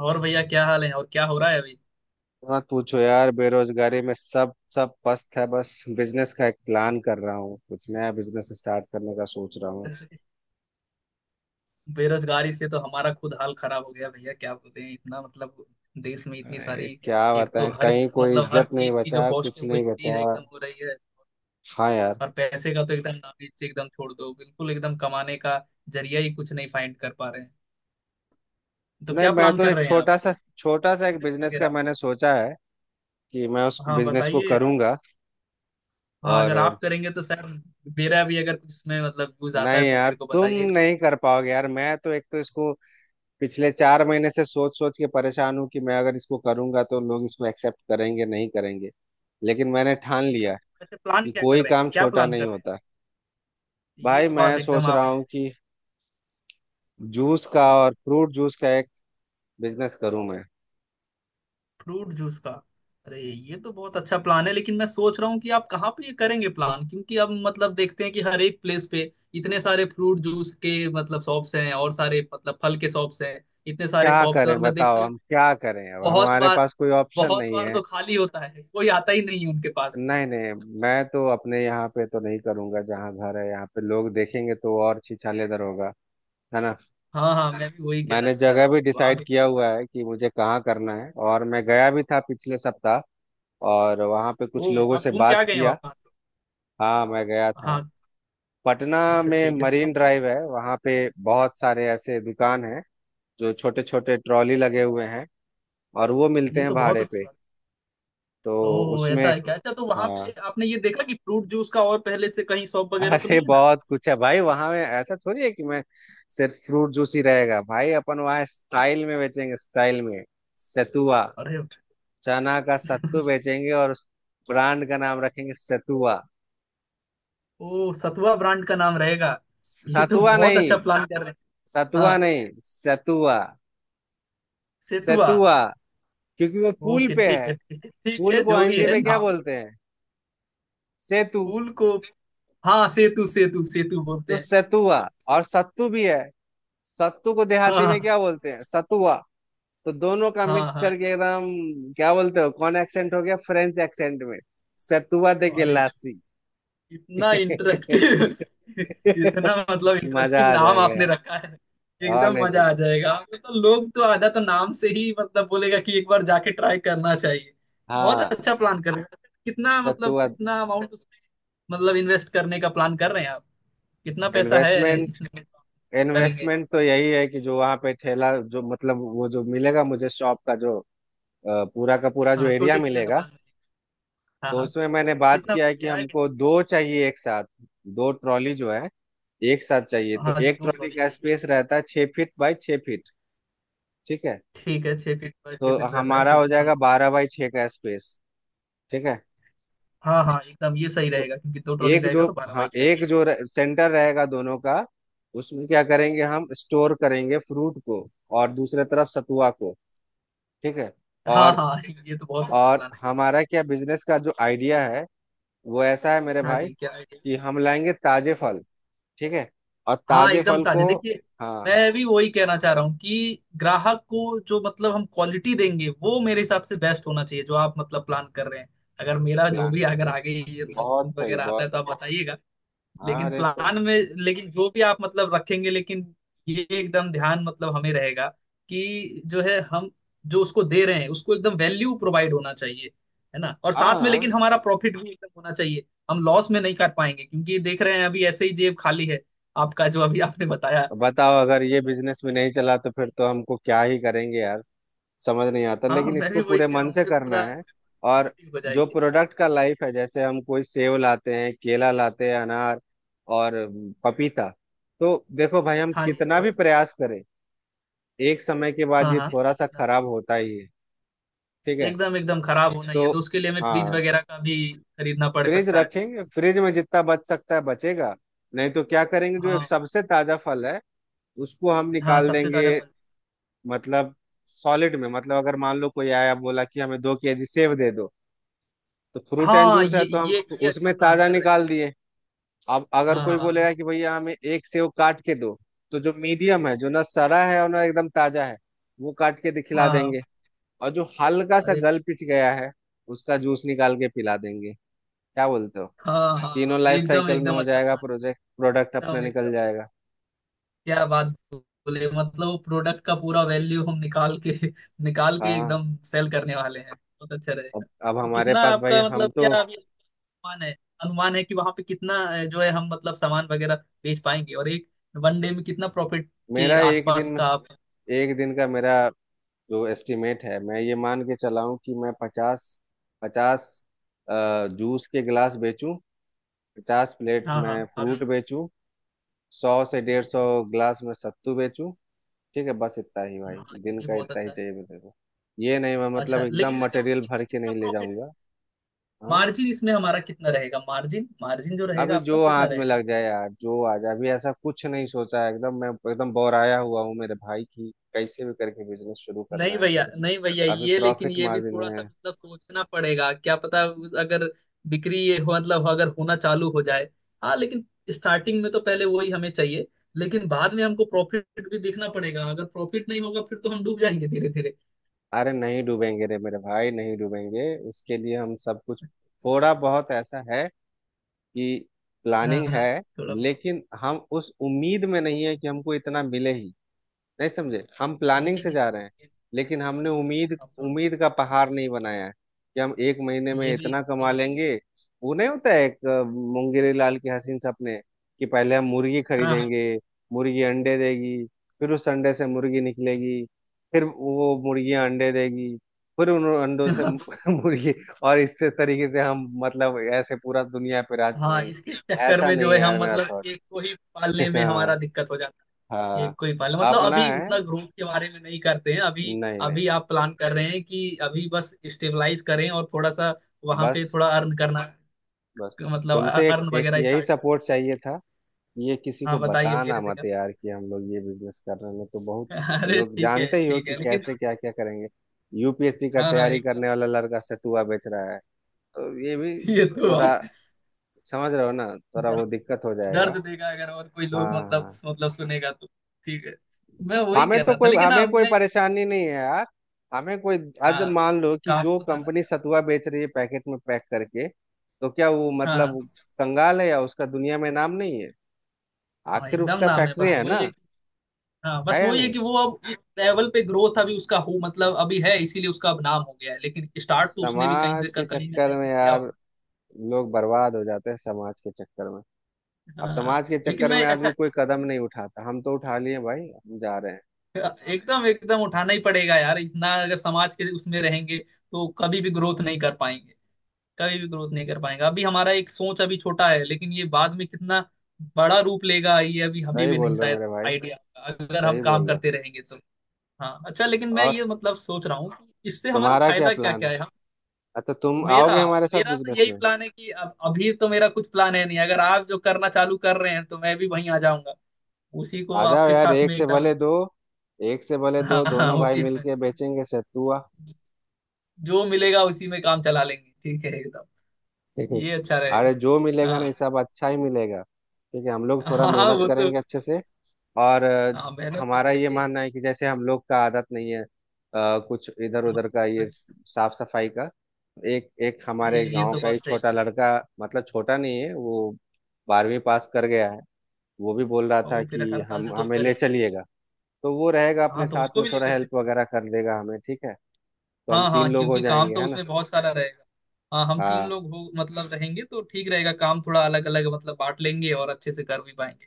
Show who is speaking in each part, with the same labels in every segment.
Speaker 1: और भैया, क्या हाल है और क्या हो रहा है अभी।
Speaker 2: मत पूछो यार। बेरोजगारी में सब सब पस्त है। बस बिजनेस का एक प्लान कर रहा हूँ, कुछ नया बिजनेस स्टार्ट करने का सोच रहा हूँ।
Speaker 1: बेरोजगारी से तो हमारा खुद हाल खराब हो गया भैया, क्या बोलते हैं इतना, मतलब देश में इतनी
Speaker 2: अरे
Speaker 1: सारी।
Speaker 2: क्या
Speaker 1: एक तो
Speaker 2: बताएं,
Speaker 1: हर,
Speaker 2: कहीं कोई
Speaker 1: मतलब हर
Speaker 2: इज्जत नहीं
Speaker 1: चीज की जो
Speaker 2: बचा,
Speaker 1: कॉस्ट
Speaker 2: कुछ
Speaker 1: है वो
Speaker 2: नहीं
Speaker 1: इंक्रीज
Speaker 2: बचा।
Speaker 1: एकदम हो रही है।
Speaker 2: हाँ यार।
Speaker 1: और पैसे का तो एकदम नाम एकदम छोड़ दो, बिल्कुल एकदम कमाने का जरिया ही कुछ नहीं फाइंड कर पा रहे हैं। तो
Speaker 2: नहीं,
Speaker 1: क्या
Speaker 2: मैं
Speaker 1: प्लान
Speaker 2: तो
Speaker 1: कर
Speaker 2: एक
Speaker 1: रहे हैं आप,
Speaker 2: छोटा सा एक
Speaker 1: बिजनेस
Speaker 2: बिजनेस का
Speaker 1: वगैरह?
Speaker 2: मैंने सोचा है कि मैं उस
Speaker 1: हाँ,
Speaker 2: बिजनेस को
Speaker 1: बताइए।
Speaker 2: करूंगा।
Speaker 1: हाँ,
Speaker 2: और
Speaker 1: अगर आप करेंगे तो सर, मेरा भी अगर कुछ इसमें मतलब यूज आता
Speaker 2: नहीं
Speaker 1: है तो
Speaker 2: यार,
Speaker 1: मेरे को
Speaker 2: तुम
Speaker 1: बताइएगा।
Speaker 2: नहीं कर पाओगे यार। मैं तो एक तो इसको पिछले 4 महीने से सोच सोच के परेशान हूँ कि मैं अगर इसको करूंगा तो लोग इसको एक्सेप्ट करेंगे, नहीं करेंगे। लेकिन मैंने ठान
Speaker 1: क्या?
Speaker 2: लिया
Speaker 1: वैसे प्लान
Speaker 2: कि
Speaker 1: क्या कर
Speaker 2: कोई
Speaker 1: रहे हैं,
Speaker 2: काम
Speaker 1: क्या
Speaker 2: छोटा
Speaker 1: प्लान
Speaker 2: नहीं
Speaker 1: कर रहे हैं?
Speaker 2: होता।
Speaker 1: ये
Speaker 2: भाई
Speaker 1: तो
Speaker 2: मैं
Speaker 1: बात एकदम,
Speaker 2: सोच
Speaker 1: आप।
Speaker 2: रहा हूँ कि जूस का और फ्रूट जूस का एक बिजनेस करूँ मैं।
Speaker 1: फ्रूट जूस का? अरे, ये तो बहुत अच्छा प्लान है, लेकिन मैं सोच रहा हूँ कि आप कहाँ पे ये करेंगे प्लान, क्योंकि अब मतलब देखते हैं कि हर एक प्लेस पे इतने सारे फ्रूट जूस के मतलब शॉप्स हैं, और सारे मतलब फल के शॉप्स हैं, इतने सारे
Speaker 2: क्या
Speaker 1: शॉप्स हैं।
Speaker 2: करें
Speaker 1: और मैं
Speaker 2: बताओ,
Speaker 1: देखता हूँ
Speaker 2: हम क्या करें, अब
Speaker 1: बहुत
Speaker 2: हमारे
Speaker 1: बार,
Speaker 2: पास कोई ऑप्शन
Speaker 1: बहुत
Speaker 2: नहीं
Speaker 1: बार
Speaker 2: है।
Speaker 1: तो खाली होता है, कोई आता ही नहीं है उनके पास।
Speaker 2: नहीं नहीं, मैं तो अपने यहाँ पे तो नहीं करूंगा। जहाँ घर है यहाँ पे लोग देखेंगे तो और छिछालेदर होगा, है ना।
Speaker 1: हाँ, हाँ, मैं भी वही कहना
Speaker 2: मैंने
Speaker 1: चाह
Speaker 2: जगह
Speaker 1: रहा हूँ
Speaker 2: भी
Speaker 1: कि वहां
Speaker 2: डिसाइड
Speaker 1: तो।
Speaker 2: किया हुआ है कि मुझे कहाँ करना है, और मैं गया भी था पिछले सप्ताह, और वहाँ पे
Speaker 1: ओ,
Speaker 2: कुछ लोगों
Speaker 1: आप
Speaker 2: से
Speaker 1: घूम के आ
Speaker 2: बात
Speaker 1: गए हैं
Speaker 2: किया।
Speaker 1: वहां?
Speaker 2: हाँ मैं गया था।
Speaker 1: हाँ,
Speaker 2: पटना
Speaker 1: अच्छा
Speaker 2: में
Speaker 1: ठीक है, तो
Speaker 2: मरीन
Speaker 1: आप-।
Speaker 2: ड्राइव है वहाँ पे। बहुत सारे ऐसे दुकान हैं जो छोटे छोटे ट्रॉली लगे हुए हैं, और वो मिलते
Speaker 1: ये
Speaker 2: हैं
Speaker 1: तो बहुत
Speaker 2: भाड़े
Speaker 1: अच्छी
Speaker 2: पे।
Speaker 1: बात
Speaker 2: तो
Speaker 1: है। ओह,
Speaker 2: उसमें,
Speaker 1: ऐसा है क्या? अच्छा, तो वहां पे
Speaker 2: हाँ।
Speaker 1: आपने ये देखा कि फ्रूट जूस का और पहले से कहीं शॉप वगैरह तो
Speaker 2: अरे
Speaker 1: नहीं है ना?
Speaker 2: बहुत कुछ है भाई वहाँ, में ऐसा थोड़ी है कि मैं सिर्फ फ्रूट जूस ही रहेगा भाई। अपन वहाँ स्टाइल में बेचेंगे, स्टाइल में। सतुआ,
Speaker 1: अरे!
Speaker 2: चना का सत्तू बेचेंगे और उस ब्रांड का नाम रखेंगे सतुआ।
Speaker 1: ओ, सतुआ ब्रांड का नाम रहेगा। ये तो
Speaker 2: सतुआ
Speaker 1: बहुत
Speaker 2: नहीं,
Speaker 1: अच्छा प्लान कर रहे हैं।
Speaker 2: सतुआ
Speaker 1: हाँ,
Speaker 2: नहीं, सतुआ,
Speaker 1: सेतुआ।
Speaker 2: सतुआ। क्योंकि वो पुल
Speaker 1: ओके,
Speaker 2: पे
Speaker 1: ठीक
Speaker 2: है।
Speaker 1: है ठीक है ठीक
Speaker 2: पुल
Speaker 1: है,
Speaker 2: को
Speaker 1: जो भी
Speaker 2: हिंदी
Speaker 1: है
Speaker 2: में क्या
Speaker 1: नाम।
Speaker 2: बोलते हैं? सेतु।
Speaker 1: फूल को? हाँ, सेतु सेतु सेतु बोलते
Speaker 2: तो
Speaker 1: हैं।
Speaker 2: सतुआ। और सत्तू भी है। सत्तू को देहाती में
Speaker 1: हाँ,
Speaker 2: क्या बोलते हैं? सतुआ। तो दोनों का
Speaker 1: हाँ,
Speaker 2: मिक्स
Speaker 1: हाँ।
Speaker 2: करके एकदम क्या बोलते हो, कौन एक्सेंट हो गया? फ्रेंच एक्सेंट में, सतुआ दे
Speaker 1: अरे,
Speaker 2: गिलासी।
Speaker 1: इतना इंटरेक्टिव। इतना मतलब
Speaker 2: मजा
Speaker 1: इंटरेस्टिंग
Speaker 2: आ
Speaker 1: नाम
Speaker 2: जाएगा
Speaker 1: आपने
Speaker 2: यार।
Speaker 1: रखा है।
Speaker 2: और
Speaker 1: एकदम
Speaker 2: नहीं तो
Speaker 1: मजा आ
Speaker 2: क्या?
Speaker 1: जाएगा। आपको तो लोग तो आधा तो नाम से ही मतलब बोलेगा कि एक बार जाके ट्राई करना चाहिए। बहुत
Speaker 2: हाँ।
Speaker 1: अच्छा प्लान कर रहे हैं। कितना मतलब
Speaker 2: सतुआ।
Speaker 1: कितना अमाउंट उसमें मतलब इन्वेस्ट करने का प्लान कर रहे हैं आप, कितना पैसा है
Speaker 2: इन्वेस्टमेंट।
Speaker 1: इसमें, करेंगे?
Speaker 2: इन्वेस्टमेंट तो यही है कि जो वहां पे ठेला, जो मतलब वो जो मिलेगा मुझे, शॉप का जो पूरा का पूरा जो
Speaker 1: हाँ,
Speaker 2: एरिया
Speaker 1: छोटी सी जो
Speaker 2: मिलेगा।
Speaker 1: दुकान है। हाँ,
Speaker 2: तो
Speaker 1: हाँ।
Speaker 2: उसमें मैंने बात
Speaker 1: कितना
Speaker 2: किया है कि
Speaker 1: किराया, कितना?
Speaker 2: हमको दो चाहिए एक साथ। दो ट्रॉली जो है, एक साथ चाहिए। तो
Speaker 1: हाँ जी,
Speaker 2: एक
Speaker 1: दो
Speaker 2: ट्रॉली
Speaker 1: ट्रॉली
Speaker 2: का
Speaker 1: चाहिए।
Speaker 2: स्पेस रहता है 6 फीट बाय 6 फीट, ठीक है।
Speaker 1: ठीक है, छः फीट बाय छः
Speaker 2: तो
Speaker 1: फीट रहता है,
Speaker 2: हमारा हो
Speaker 1: ठीक है
Speaker 2: जाएगा
Speaker 1: समझ लो।
Speaker 2: 12 बाय 6 का स्पेस, ठीक है।
Speaker 1: हाँ, हाँ, एकदम ये सही
Speaker 2: तो
Speaker 1: रहेगा, क्योंकि दो ट्रॉली
Speaker 2: एक
Speaker 1: रहेगा
Speaker 2: जो,
Speaker 1: तो बारह
Speaker 2: हाँ,
Speaker 1: बाई छः
Speaker 2: एक जो सेंटर रहेगा दोनों का, उसमें क्या करेंगे, हम स्टोर करेंगे फ्रूट को, और दूसरे तरफ सतुआ को, ठीक है।
Speaker 1: हाँ,
Speaker 2: और
Speaker 1: हाँ ये तो बहुत अच्छा
Speaker 2: और
Speaker 1: प्लान है।
Speaker 2: हमारा क्या, बिजनेस का जो आइडिया है, वो ऐसा है मेरे
Speaker 1: हाँ
Speaker 2: भाई,
Speaker 1: जी, क्या आइडिया?
Speaker 2: कि हम लाएंगे ताजे फल, ठीक है, और
Speaker 1: हाँ,
Speaker 2: ताजे
Speaker 1: एकदम
Speaker 2: फल
Speaker 1: ताजे
Speaker 2: को,
Speaker 1: देखिए।
Speaker 2: हाँ।
Speaker 1: मैं भी वही कहना चाह रहा हूँ कि ग्राहक को जो मतलब हम क्वालिटी देंगे वो मेरे हिसाब से बेस्ट होना चाहिए, जो आप मतलब प्लान कर रहे हैं। अगर मेरा जो
Speaker 2: प्लान
Speaker 1: भी अगर
Speaker 2: बिल्कुल।
Speaker 1: आगे ये
Speaker 2: बहुत
Speaker 1: मतलब
Speaker 2: सही,
Speaker 1: वगैरह आता है
Speaker 2: बहुत।
Speaker 1: तो आप बताइएगा।
Speaker 2: हाँ,
Speaker 1: लेकिन
Speaker 2: अरे तो
Speaker 1: प्लान में, लेकिन जो भी आप मतलब रखेंगे, लेकिन ये एकदम ध्यान मतलब हमें रहेगा कि जो है हम जो उसको दे रहे हैं उसको एकदम वैल्यू प्रोवाइड होना चाहिए, है ना? और साथ में
Speaker 2: हाँ।
Speaker 1: लेकिन हमारा प्रॉफिट भी एकदम होना चाहिए, हम लॉस में नहीं कर पाएंगे, क्योंकि देख रहे हैं अभी ऐसे ही जेब खाली है। आपका जो अभी आपने बताया।
Speaker 2: बताओ अगर ये बिजनेस में नहीं चला तो फिर तो हमको क्या ही करेंगे यार। समझ नहीं आता,
Speaker 1: हाँ,
Speaker 2: लेकिन
Speaker 1: मैं भी
Speaker 2: इसको
Speaker 1: वही
Speaker 2: पूरे
Speaker 1: कह रहा
Speaker 2: मन
Speaker 1: हूँ,
Speaker 2: से
Speaker 1: फिर
Speaker 2: करना
Speaker 1: पूरा
Speaker 2: है। और
Speaker 1: नेगेटिव हो
Speaker 2: जो
Speaker 1: जाएंगे।
Speaker 2: प्रोडक्ट का लाइफ है, जैसे हम कोई सेब लाते हैं, केला लाते हैं, अनार, और पपीता, तो देखो भाई हम
Speaker 1: हाँ जी, आप
Speaker 2: कितना भी
Speaker 1: अभी।
Speaker 2: प्रयास करें, एक समय के बाद
Speaker 1: हाँ,
Speaker 2: ये
Speaker 1: हाँ,
Speaker 2: थोड़ा सा
Speaker 1: जितना-।
Speaker 2: खराब होता ही है, ठीक है।
Speaker 1: एकदम एकदम खराब होना ही है,
Speaker 2: तो
Speaker 1: तो उसके लिए हमें फ्रिज
Speaker 2: हाँ,
Speaker 1: वगैरह का भी खरीदना पड़
Speaker 2: फ्रिज
Speaker 1: सकता है।
Speaker 2: रखेंगे, फ्रिज में जितना बच सकता है बचेगा, नहीं तो क्या करेंगे। जो
Speaker 1: हाँ,
Speaker 2: सबसे ताजा फल है उसको हम
Speaker 1: हाँ,
Speaker 2: निकाल
Speaker 1: सबसे
Speaker 2: देंगे।
Speaker 1: ताजा फल।
Speaker 2: मतलब सॉलिड में, मतलब अगर मान लो कोई आया बोला कि हमें 2 केजी सेब दे दो, तो फ्रूट एंड
Speaker 1: हाँ,
Speaker 2: जूस है
Speaker 1: ये
Speaker 2: तो हम
Speaker 1: ये ये अच्छा
Speaker 2: उसमें
Speaker 1: प्लान
Speaker 2: ताजा
Speaker 1: कर रहे हैं।
Speaker 2: निकाल दिए। अब अगर
Speaker 1: हाँ,
Speaker 2: कोई
Speaker 1: हाँ,
Speaker 2: बोलेगा कि भैया हमें एक सेब काट के दो, तो जो मीडियम है, जो ना सड़ा है और ना एकदम ताजा है, वो काट के खिला
Speaker 1: हाँ, हाँ,
Speaker 2: देंगे। और जो हल्का सा
Speaker 1: अरे,
Speaker 2: गल पिच गया है, उसका जूस निकाल के पिला देंगे, क्या बोलते हो?
Speaker 1: हाँ, हाँ,
Speaker 2: तीनों लाइफ
Speaker 1: एकदम
Speaker 2: साइकिल में
Speaker 1: एकदम
Speaker 2: हो
Speaker 1: अच्छा
Speaker 2: जाएगा,
Speaker 1: प्लान।
Speaker 2: प्रोजेक्ट, प्रोडक्ट अपना
Speaker 1: एकदम
Speaker 2: निकल
Speaker 1: एकदम,
Speaker 2: जाएगा।
Speaker 1: क्या बात। बोले मतलब प्रोडक्ट का पूरा वैल्यू हम निकाल के निकाल के
Speaker 2: हाँ।
Speaker 1: एकदम सेल करने वाले हैं, बहुत अच्छा
Speaker 2: अब
Speaker 1: रहेगा।
Speaker 2: अब
Speaker 1: तो
Speaker 2: हमारे
Speaker 1: कितना
Speaker 2: पास भाई,
Speaker 1: आपका
Speaker 2: हम
Speaker 1: मतलब
Speaker 2: तो
Speaker 1: क्या अभी अनुमान है? अनुमान है कि वहां पे कितना, जो है हम मतलब सामान वगैरह बेच पाएंगे, और एक वन डे में कितना प्रॉफिट के
Speaker 2: मेरा एक दिन
Speaker 1: आसपास
Speaker 2: में,
Speaker 1: का आप?
Speaker 2: एक दिन का मेरा जो एस्टिमेट है, मैं ये मान के चला हूँ कि मैं पचास पचास जूस के गिलास बेचूं, 50 प्लेट
Speaker 1: हाँ, हाँ,
Speaker 2: मैं
Speaker 1: आप।
Speaker 2: फ्रूट बेचूं, 100 से 150 गिलास में सत्तू बेचूं, ठीक है। बस इतना ही भाई,
Speaker 1: हाँ,
Speaker 2: दिन
Speaker 1: ये
Speaker 2: का
Speaker 1: बहुत
Speaker 2: इतना ही
Speaker 1: अच्छा है।
Speaker 2: चाहिए मेरे को। ये नहीं मैं मतलब
Speaker 1: अच्छा, लेकिन
Speaker 2: एकदम
Speaker 1: मैं कह रहा हूँ
Speaker 2: मटेरियल
Speaker 1: कितना
Speaker 2: भर के
Speaker 1: कितना
Speaker 2: नहीं ले
Speaker 1: प्रॉफिट
Speaker 2: जाऊंगा। हाँ
Speaker 1: मार्जिन इसमें हमारा कितना रहेगा, मार्जिन, मार्जिन जो रहेगा
Speaker 2: अभी जो
Speaker 1: आपका कितना
Speaker 2: हाथ में
Speaker 1: रहेगा?
Speaker 2: लग जाए यार, जो आ जाए, अभी ऐसा कुछ नहीं सोचा है एकदम, मैं एकदम बोराया हुआ हूँ मेरे भाई, की कैसे भी करके बिजनेस शुरू करना
Speaker 1: नहीं
Speaker 2: है।
Speaker 1: भैया, नहीं भैया,
Speaker 2: अभी
Speaker 1: ये लेकिन
Speaker 2: प्रॉफिट
Speaker 1: ये भी
Speaker 2: मार्जिन
Speaker 1: थोड़ा
Speaker 2: में
Speaker 1: सा
Speaker 2: है।
Speaker 1: मतलब सोचना पड़ेगा, क्या पता उस- अगर बिक्री ये हो मतलब अगर होना चालू हो जाए। हाँ, लेकिन स्टार्टिंग में तो पहले वही हमें चाहिए, लेकिन बाद में हमको प्रॉफिट भी देखना पड़ेगा। अगर प्रॉफिट नहीं होगा फिर तो हम डूब जाएंगे धीरे धीरे।
Speaker 2: अरे नहीं डूबेंगे रे मेरे भाई, नहीं डूबेंगे, उसके लिए हम सब कुछ, थोड़ा बहुत ऐसा है कि
Speaker 1: हाँ,
Speaker 2: प्लानिंग
Speaker 1: हाँ,
Speaker 2: है,
Speaker 1: थोड़ा।
Speaker 2: लेकिन हम उस उम्मीद में नहीं है कि हमको इतना मिले ही, नहीं समझे, हम प्लानिंग
Speaker 1: ये
Speaker 2: से
Speaker 1: भी
Speaker 2: जा रहे
Speaker 1: सही
Speaker 2: हैं।
Speaker 1: है।
Speaker 2: लेकिन हमने उम्मीद
Speaker 1: आप तो-।
Speaker 2: उम्मीद का पहाड़ नहीं बनाया है कि हम एक महीने
Speaker 1: ये
Speaker 2: में
Speaker 1: भी,
Speaker 2: इतना
Speaker 1: ये
Speaker 2: कमा
Speaker 1: भी।
Speaker 2: लेंगे। वो नहीं होता है, एक मुंगेरी लाल के हसीन सपने, कि पहले हम मुर्गी
Speaker 1: हाँ, हाँ
Speaker 2: खरीदेंगे, मुर्गी अंडे देगी, फिर उस अंडे से मुर्गी निकलेगी, फिर वो मुर्गियां अंडे देगी, फिर उन अंडों से मुर्गी, और इस तरीके से हम मतलब ऐसे पूरा दुनिया पे राज
Speaker 1: हाँ,
Speaker 2: करेंगे।
Speaker 1: इसके चक्कर
Speaker 2: ऐसा
Speaker 1: में
Speaker 2: नहीं
Speaker 1: जो
Speaker 2: है
Speaker 1: है हम
Speaker 2: यार मेरा
Speaker 1: मतलब
Speaker 2: थॉट।
Speaker 1: एक को ही पालने में
Speaker 2: हाँ।
Speaker 1: हमारा दिक्कत हो जाता। है
Speaker 2: हाँ
Speaker 1: एक को ही पालना मतलब
Speaker 2: अपना
Speaker 1: अभी
Speaker 2: है।
Speaker 1: उतना ग्रोथ के बारे में नहीं करते हैं अभी।
Speaker 2: नहीं नहीं,
Speaker 1: अभी आप प्लान कर रहे हैं कि अभी बस स्टेबलाइज करें और थोड़ा सा वहां पे
Speaker 2: बस
Speaker 1: थोड़ा अर्न करना,
Speaker 2: बस
Speaker 1: मतलब
Speaker 2: तुमसे एक,
Speaker 1: अर्न
Speaker 2: एक
Speaker 1: वगैरह
Speaker 2: यही
Speaker 1: स्टार्ट करें।
Speaker 2: सपोर्ट चाहिए था कि ये किसी
Speaker 1: हाँ,
Speaker 2: को
Speaker 1: बताइए
Speaker 2: बताना
Speaker 1: मेरे से क्या
Speaker 2: मत
Speaker 1: था।
Speaker 2: यार कि हम लोग ये बिजनेस कर रहे हैं, तो बहुत
Speaker 1: अरे,
Speaker 2: लोग
Speaker 1: ठीक है
Speaker 2: जानते ही हो
Speaker 1: ठीक
Speaker 2: कि
Speaker 1: है, लेकिन।
Speaker 2: कैसे क्या क्या करेंगे। यूपीएससी का
Speaker 1: हाँ, हाँ,
Speaker 2: तैयारी
Speaker 1: एकदम।
Speaker 2: करने वाला लड़का सतुआ बेच रहा है, तो ये भी
Speaker 1: ये तो
Speaker 2: थोड़ा,
Speaker 1: बात।
Speaker 2: समझ रहे हो ना, थोड़ा
Speaker 1: दर्द
Speaker 2: वो दिक्कत हो
Speaker 1: दर्द
Speaker 2: जाएगा।
Speaker 1: देगा अगर और कोई
Speaker 2: हाँ
Speaker 1: लोग मतलब
Speaker 2: हाँ।
Speaker 1: सुनेगा तो। ठीक है, मैं वही
Speaker 2: हमें
Speaker 1: कह
Speaker 2: तो
Speaker 1: रहा था,
Speaker 2: कोई,
Speaker 1: लेकिन। हाँ
Speaker 2: हमें कोई
Speaker 1: मैं।
Speaker 2: परेशानी नहीं है यार। हमें कोई, आज
Speaker 1: हाँ,
Speaker 2: मान लो कि
Speaker 1: काम
Speaker 2: जो
Speaker 1: तो सारा।
Speaker 2: कंपनी सतुआ बेच रही है पैकेट में पैक करके, तो क्या वो
Speaker 1: हाँ,
Speaker 2: मतलब कंगाल है या उसका दुनिया में नाम नहीं है?
Speaker 1: हाँ,
Speaker 2: आखिर
Speaker 1: एकदम
Speaker 2: उसका
Speaker 1: नाम है,
Speaker 2: फैक्ट्री
Speaker 1: बस
Speaker 2: है
Speaker 1: वही
Speaker 2: ना,
Speaker 1: है कि-। हाँ बस
Speaker 2: है या
Speaker 1: वही है
Speaker 2: नहीं।
Speaker 1: कि वो अब एक लेवल पे ग्रोथ अभी उसका हो मतलब अभी है, इसीलिए उसका अब नाम हो गया है, लेकिन स्टार्ट तो उसने भी कहीं से
Speaker 2: समाज के
Speaker 1: कहीं ना
Speaker 2: चक्कर
Speaker 1: कहीं से
Speaker 2: में
Speaker 1: किया होगा।
Speaker 2: यार लोग बर्बाद हो जाते हैं समाज के चक्कर में। अब
Speaker 1: हाँ,
Speaker 2: समाज के
Speaker 1: लेकिन
Speaker 2: चक्कर में
Speaker 1: मैं।
Speaker 2: आदमी
Speaker 1: अच्छा,
Speaker 2: कोई कदम नहीं उठाता, हम तो उठा लिए भाई, हम जा रहे हैं।
Speaker 1: एकदम एकदम उठाना ही पड़ेगा यार, इतना अगर समाज के उसमें रहेंगे तो कभी भी ग्रोथ नहीं कर पाएंगे, कभी भी ग्रोथ नहीं कर पाएंगे। अभी हमारा एक सोच अभी छोटा है, लेकिन ये बाद में कितना बड़ा रूप लेगा ये अभी हमें
Speaker 2: सही
Speaker 1: भी नहीं
Speaker 2: बोल रहे हो
Speaker 1: शायद
Speaker 2: मेरे भाई,
Speaker 1: आइडिया, अगर हम
Speaker 2: सही
Speaker 1: काम
Speaker 2: बोल रहे हो।
Speaker 1: करते रहेंगे तो। हाँ, अच्छा, लेकिन मैं
Speaker 2: और
Speaker 1: ये मतलब सोच रहा हूँ कि इससे हमारा
Speaker 2: तुम्हारा क्या
Speaker 1: फायदा क्या
Speaker 2: प्लान
Speaker 1: क्या
Speaker 2: है?
Speaker 1: है, हम।
Speaker 2: अच्छा तुम
Speaker 1: मेरा
Speaker 2: आओगे हमारे साथ
Speaker 1: मेरा तो
Speaker 2: बिजनेस
Speaker 1: यही
Speaker 2: में?
Speaker 1: प्लान है कि अब अभी तो मेरा कुछ प्लान है नहीं, अगर आप जो करना चालू कर रहे हैं तो मैं भी वहीं आ जाऊंगा, उसी को
Speaker 2: आ जाओ
Speaker 1: आपके
Speaker 2: यार,
Speaker 1: साथ
Speaker 2: एक
Speaker 1: में
Speaker 2: से
Speaker 1: एकदम।
Speaker 2: भले दो, एक से भले
Speaker 1: हाँ,
Speaker 2: दो,
Speaker 1: हाँ,
Speaker 2: दोनों भाई
Speaker 1: उसी में,
Speaker 2: मिलके बेचेंगे सत्तुआ।
Speaker 1: जो मिलेगा उसी में काम चला लेंगे, ठीक है एकदम।
Speaker 2: ठीक है?
Speaker 1: ये अच्छा रहेगा।
Speaker 2: अरे जो मिलेगा ना ये
Speaker 1: हाँ,
Speaker 2: सब अच्छा ही मिलेगा, ठीक है, हम लोग थोड़ा
Speaker 1: हाँ,
Speaker 2: मेहनत
Speaker 1: वो तो।
Speaker 2: करेंगे अच्छे से। और
Speaker 1: हाँ, मेहनत तो
Speaker 2: हमारा ये
Speaker 1: करेंगे।
Speaker 2: मानना है कि जैसे हम लोग का आदत नहीं है कुछ इधर
Speaker 1: हाँ,
Speaker 2: उधर का, ये
Speaker 1: तो
Speaker 2: साफ सफाई का, एक एक
Speaker 1: ये
Speaker 2: हमारे
Speaker 1: ये
Speaker 2: गांव
Speaker 1: तो
Speaker 2: का ही
Speaker 1: बात सही
Speaker 2: छोटा
Speaker 1: है।
Speaker 2: लड़का, मतलब छोटा नहीं है वो, 12वीं पास कर गया है, वो भी बोल रहा
Speaker 1: और
Speaker 2: था
Speaker 1: वो फिर
Speaker 2: कि
Speaker 1: 18 साल
Speaker 2: हम
Speaker 1: से तो
Speaker 2: हमें
Speaker 1: ऊपर
Speaker 2: ले
Speaker 1: ही है।
Speaker 2: चलिएगा। तो वो रहेगा अपने
Speaker 1: हाँ, तो
Speaker 2: साथ
Speaker 1: उसको
Speaker 2: में,
Speaker 1: भी
Speaker 2: थोड़ा
Speaker 1: लेकर के।
Speaker 2: हेल्प वगैरह कर देगा हमें, ठीक है। तो हम
Speaker 1: हाँ,
Speaker 2: तीन
Speaker 1: हाँ,
Speaker 2: लोग हो
Speaker 1: क्योंकि काम
Speaker 2: जाएंगे,
Speaker 1: तो
Speaker 2: है ना।
Speaker 1: उसमें बहुत सारा रहेगा। हाँ, हम तीन
Speaker 2: हाँ
Speaker 1: लोग हो मतलब रहेंगे तो ठीक रहेगा, काम थोड़ा अलग अलग मतलब बांट लेंगे और अच्छे से कर भी पाएंगे।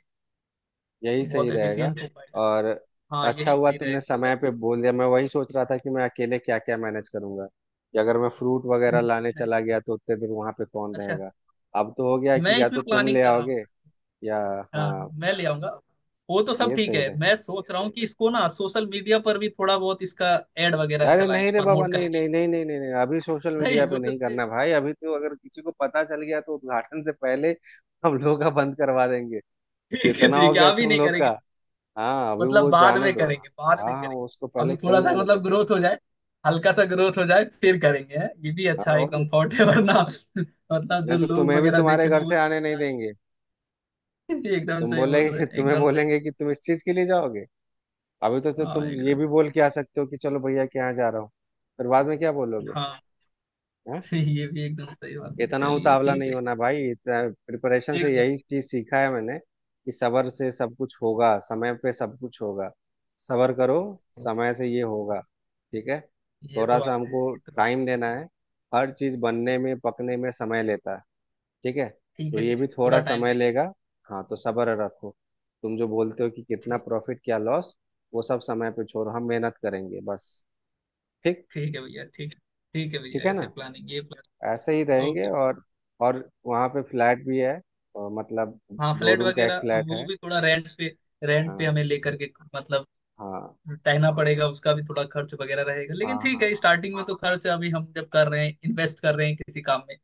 Speaker 2: यही सही
Speaker 1: बहुत
Speaker 2: रहेगा।
Speaker 1: एफिशिएंट हो पाएगा।
Speaker 2: और
Speaker 1: हाँ,
Speaker 2: अच्छा
Speaker 1: यही
Speaker 2: हुआ
Speaker 1: सही
Speaker 2: तुमने
Speaker 1: रहेगा।
Speaker 2: समय पे बोल दिया, मैं वही सोच रहा था कि मैं अकेले क्या क्या मैनेज करूंगा, कि अगर मैं फ्रूट वगैरह लाने चला गया तो उतने दिन वहां पे कौन
Speaker 1: अच्छा,
Speaker 2: रहेगा। अब तो हो गया
Speaker 1: मैं
Speaker 2: कि या
Speaker 1: इसमें
Speaker 2: तो तुम
Speaker 1: प्लानिंग
Speaker 2: ले
Speaker 1: कर रहा हूँ।
Speaker 2: आओगे या।
Speaker 1: हाँ,
Speaker 2: हाँ
Speaker 1: मैं ले आऊंगा। वो तो सब
Speaker 2: ये
Speaker 1: ठीक
Speaker 2: सही
Speaker 1: है,
Speaker 2: रहे।
Speaker 1: मैं सोच रहा हूँ कि इसको ना सोशल मीडिया पर भी थोड़ा बहुत इसका एड वगैरह
Speaker 2: अरे नहीं
Speaker 1: चलाएंगे,
Speaker 2: रे बाबा,
Speaker 1: प्रमोट
Speaker 2: नहीं
Speaker 1: करेंगे।
Speaker 2: नहीं नहीं नहीं नहीं नहीं, अभी सोशल मीडिया
Speaker 1: नहीं,
Speaker 2: पे
Speaker 1: वो सब
Speaker 2: नहीं
Speaker 1: चीजें-।
Speaker 2: करना भाई। अभी तो अगर किसी को पता चल गया तो उद्घाटन से पहले हम लोग का बंद करवा देंगे।
Speaker 1: ठीक है
Speaker 2: इतना हो
Speaker 1: ठीक है,
Speaker 2: गया
Speaker 1: आप ही
Speaker 2: तुम
Speaker 1: नहीं।
Speaker 2: लोग का। हाँ अभी
Speaker 1: मतलब
Speaker 2: वो
Speaker 1: बाद
Speaker 2: जाने
Speaker 1: में
Speaker 2: दो।
Speaker 1: करेंगे, बाद
Speaker 2: हाँ
Speaker 1: में
Speaker 2: हाँ,
Speaker 1: करेंगे,
Speaker 2: वो उसको पहले
Speaker 1: अभी थोड़ा
Speaker 2: चल
Speaker 1: सा
Speaker 2: जाने दो।
Speaker 1: मतलब ग्रोथ हो जाए, हल्का सा ग्रोथ हो जाए फिर करेंगे, है ये भी
Speaker 2: हाँ,
Speaker 1: अच्छा
Speaker 2: और नहीं
Speaker 1: एकदम
Speaker 2: तो,
Speaker 1: थॉट है, वरना मतलब
Speaker 2: नहीं
Speaker 1: जो
Speaker 2: तो
Speaker 1: लोग
Speaker 2: तुम्हें भी
Speaker 1: वगैरह
Speaker 2: तुम्हारे
Speaker 1: देखेंगे
Speaker 2: घर
Speaker 1: वो
Speaker 2: से आने नहीं देंगे।
Speaker 1: बोलेंगे, एकदम
Speaker 2: तुम
Speaker 1: सही बोल रहे
Speaker 2: बोलेंगे,
Speaker 1: हैं,
Speaker 2: तुम्हें
Speaker 1: एकदम सही।
Speaker 2: बोलेंगे कि तुम इस चीज के लिए जाओगे। अभी तो
Speaker 1: हाँ,
Speaker 2: तुम ये
Speaker 1: एकदम।
Speaker 2: भी बोल के आ सकते हो कि चलो भैया के यहाँ जा रहा हूँ, फिर बाद में क्या बोलोगे?
Speaker 1: हाँ
Speaker 2: हाँ।
Speaker 1: ये भी एकदम सही बात है।
Speaker 2: इतना
Speaker 1: चलिए
Speaker 2: उतावला
Speaker 1: ठीक
Speaker 2: नहीं
Speaker 1: है,
Speaker 2: होना भाई। इतना प्रिपरेशन से
Speaker 1: एकदम।
Speaker 2: यही चीज सीखा है मैंने कि सब्र से सब कुछ होगा, समय पे सब कुछ होगा। सब्र करो, समय से ये होगा, ठीक है।
Speaker 1: ये
Speaker 2: थोड़ा
Speaker 1: तो
Speaker 2: सा
Speaker 1: बात है,
Speaker 2: हमको
Speaker 1: ये तो।
Speaker 2: टाइम देना है। हर चीज बनने में, पकने में समय लेता है, ठीक है।
Speaker 1: ठीक
Speaker 2: तो
Speaker 1: है
Speaker 2: ये
Speaker 1: ठीक
Speaker 2: भी
Speaker 1: है, पूरा
Speaker 2: थोड़ा
Speaker 1: टाइम
Speaker 2: समय
Speaker 1: देंगे।
Speaker 2: लेगा। हाँ तो सब्र रखो। तुम जो बोलते हो कि कितना
Speaker 1: ठीक,
Speaker 2: प्रॉफिट, क्या लॉस, वो सब समय पे छोड़ो, हम मेहनत करेंगे बस। ठीक।
Speaker 1: ठीक है भैया, ठीक है। ठीक है भैया,
Speaker 2: ठीक है
Speaker 1: ऐसे
Speaker 2: ना,
Speaker 1: प्लानिंग, ये प्लान।
Speaker 2: ऐसे ही
Speaker 1: ओके
Speaker 2: रहेंगे।
Speaker 1: भैया।
Speaker 2: और वहाँ पे फ्लैट भी है, और मतलब
Speaker 1: हाँ,
Speaker 2: दो
Speaker 1: फ्लैट
Speaker 2: रूम का एक
Speaker 1: वगैरह,
Speaker 2: फ्लैट
Speaker 1: वो
Speaker 2: है।
Speaker 1: भी थोड़ा रेंट पे। रेंट पे
Speaker 2: हाँ
Speaker 1: हमें लेकर के मतलब
Speaker 2: हाँ
Speaker 1: रहना पड़ेगा, उसका भी थोड़ा खर्च वगैरह रहेगा,
Speaker 2: हाँ।
Speaker 1: लेकिन ठीक
Speaker 2: हाँ
Speaker 1: है,
Speaker 2: हाँ।
Speaker 1: स्टार्टिंग में तो खर्च अभी हम जब कर रहे हैं, इन्वेस्ट कर रहे हैं किसी काम में,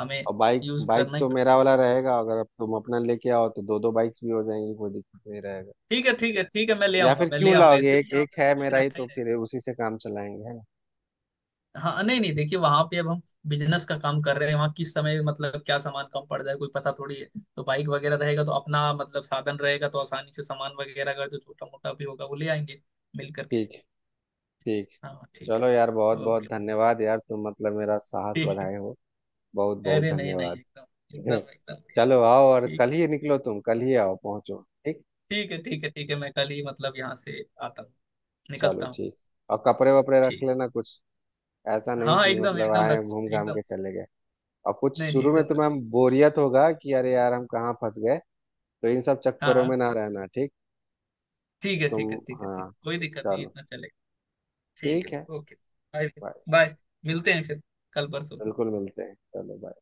Speaker 1: हमें
Speaker 2: और बाइक,
Speaker 1: यूज
Speaker 2: बाइक
Speaker 1: करना ही
Speaker 2: तो
Speaker 1: पड़ेगा।
Speaker 2: मेरा वाला रहेगा, अगर अब तुम अपना लेके आओ तो दो दो बाइक्स भी हो जाएंगी, कोई दिक्कत नहीं रहेगा।
Speaker 1: ठीक है ठीक है ठीक है, मैं ले
Speaker 2: या
Speaker 1: आऊंगा,
Speaker 2: फिर
Speaker 1: मैं ले
Speaker 2: क्यों
Speaker 1: आऊंगा,
Speaker 2: लाओगे,
Speaker 1: ऐसे भी
Speaker 2: एक
Speaker 1: यहाँ
Speaker 2: एक
Speaker 1: पे तो
Speaker 2: है
Speaker 1: बाइक
Speaker 2: मेरा ही,
Speaker 1: रखा ही
Speaker 2: तो
Speaker 1: रहेगा।
Speaker 2: फिर उसी से काम चलाएंगे, है ना।
Speaker 1: हाँ, नहीं नहीं देखिए, वहां पे अब हम बिजनेस का काम कर रहे हैं, वहाँ किस समय मतलब क्या सामान कम पड़ जाए कोई पता थोड़ी है, तो बाइक वगैरह रहेगा तो अपना मतलब साधन रहेगा, तो आसानी से सामान वगैरह अगर जो छोटा मोटा भी होगा वो ले आएंगे मिल करके।
Speaker 2: ठीक। ठीक।
Speaker 1: हाँ, ठीक है,
Speaker 2: चलो यार,
Speaker 1: ठीक
Speaker 2: बहुत बहुत
Speaker 1: ओके,
Speaker 2: धन्यवाद यार, तुम मतलब मेरा साहस
Speaker 1: ठीक है।
Speaker 2: बढ़ाए हो। बहुत बहुत
Speaker 1: अरे नहीं नहीं,
Speaker 2: धन्यवाद।
Speaker 1: एकदम एकदम एकदम
Speaker 2: चलो आओ, और
Speaker 1: ठीक।
Speaker 2: कल
Speaker 1: है
Speaker 2: ही निकलो, तुम कल ही आओ, पहुंचो। ठीक।
Speaker 1: ठीक है ठीक है ठीक है, मैं कल ही मतलब यहाँ से आता हूँ,
Speaker 2: चलो
Speaker 1: निकलता हूँ।
Speaker 2: ठीक। और कपड़े वपड़े रख
Speaker 1: ठीक
Speaker 2: लेना कुछ, ऐसा
Speaker 1: है।
Speaker 2: नहीं
Speaker 1: हाँ,
Speaker 2: कि
Speaker 1: एकदम
Speaker 2: मतलब
Speaker 1: एकदम
Speaker 2: आए
Speaker 1: रख,
Speaker 2: घूम घाम
Speaker 1: एकदम।
Speaker 2: के चले गए। और कुछ
Speaker 1: नहीं नहीं,
Speaker 2: शुरू में
Speaker 1: एकदम रख।
Speaker 2: तुम्हें बोरियत होगा कि अरे यार हम कहाँ फंस गए, तो इन सब
Speaker 1: हाँ,
Speaker 2: चक्करों
Speaker 1: हाँ,
Speaker 2: में ना रहना, ठीक।
Speaker 1: ठीक है
Speaker 2: तुम।
Speaker 1: ठीक है ठीक है, ठीक
Speaker 2: हाँ।
Speaker 1: कोई दिक्कत नहीं,
Speaker 2: चलो।
Speaker 1: इतना चलेगा। ठीक
Speaker 2: ठीक है।
Speaker 1: है ओके। बाय।
Speaker 2: बाय।
Speaker 1: बाय। मिलते हैं फिर, कल परसों।
Speaker 2: बिल्कुल मिलते हैं, चलो bye।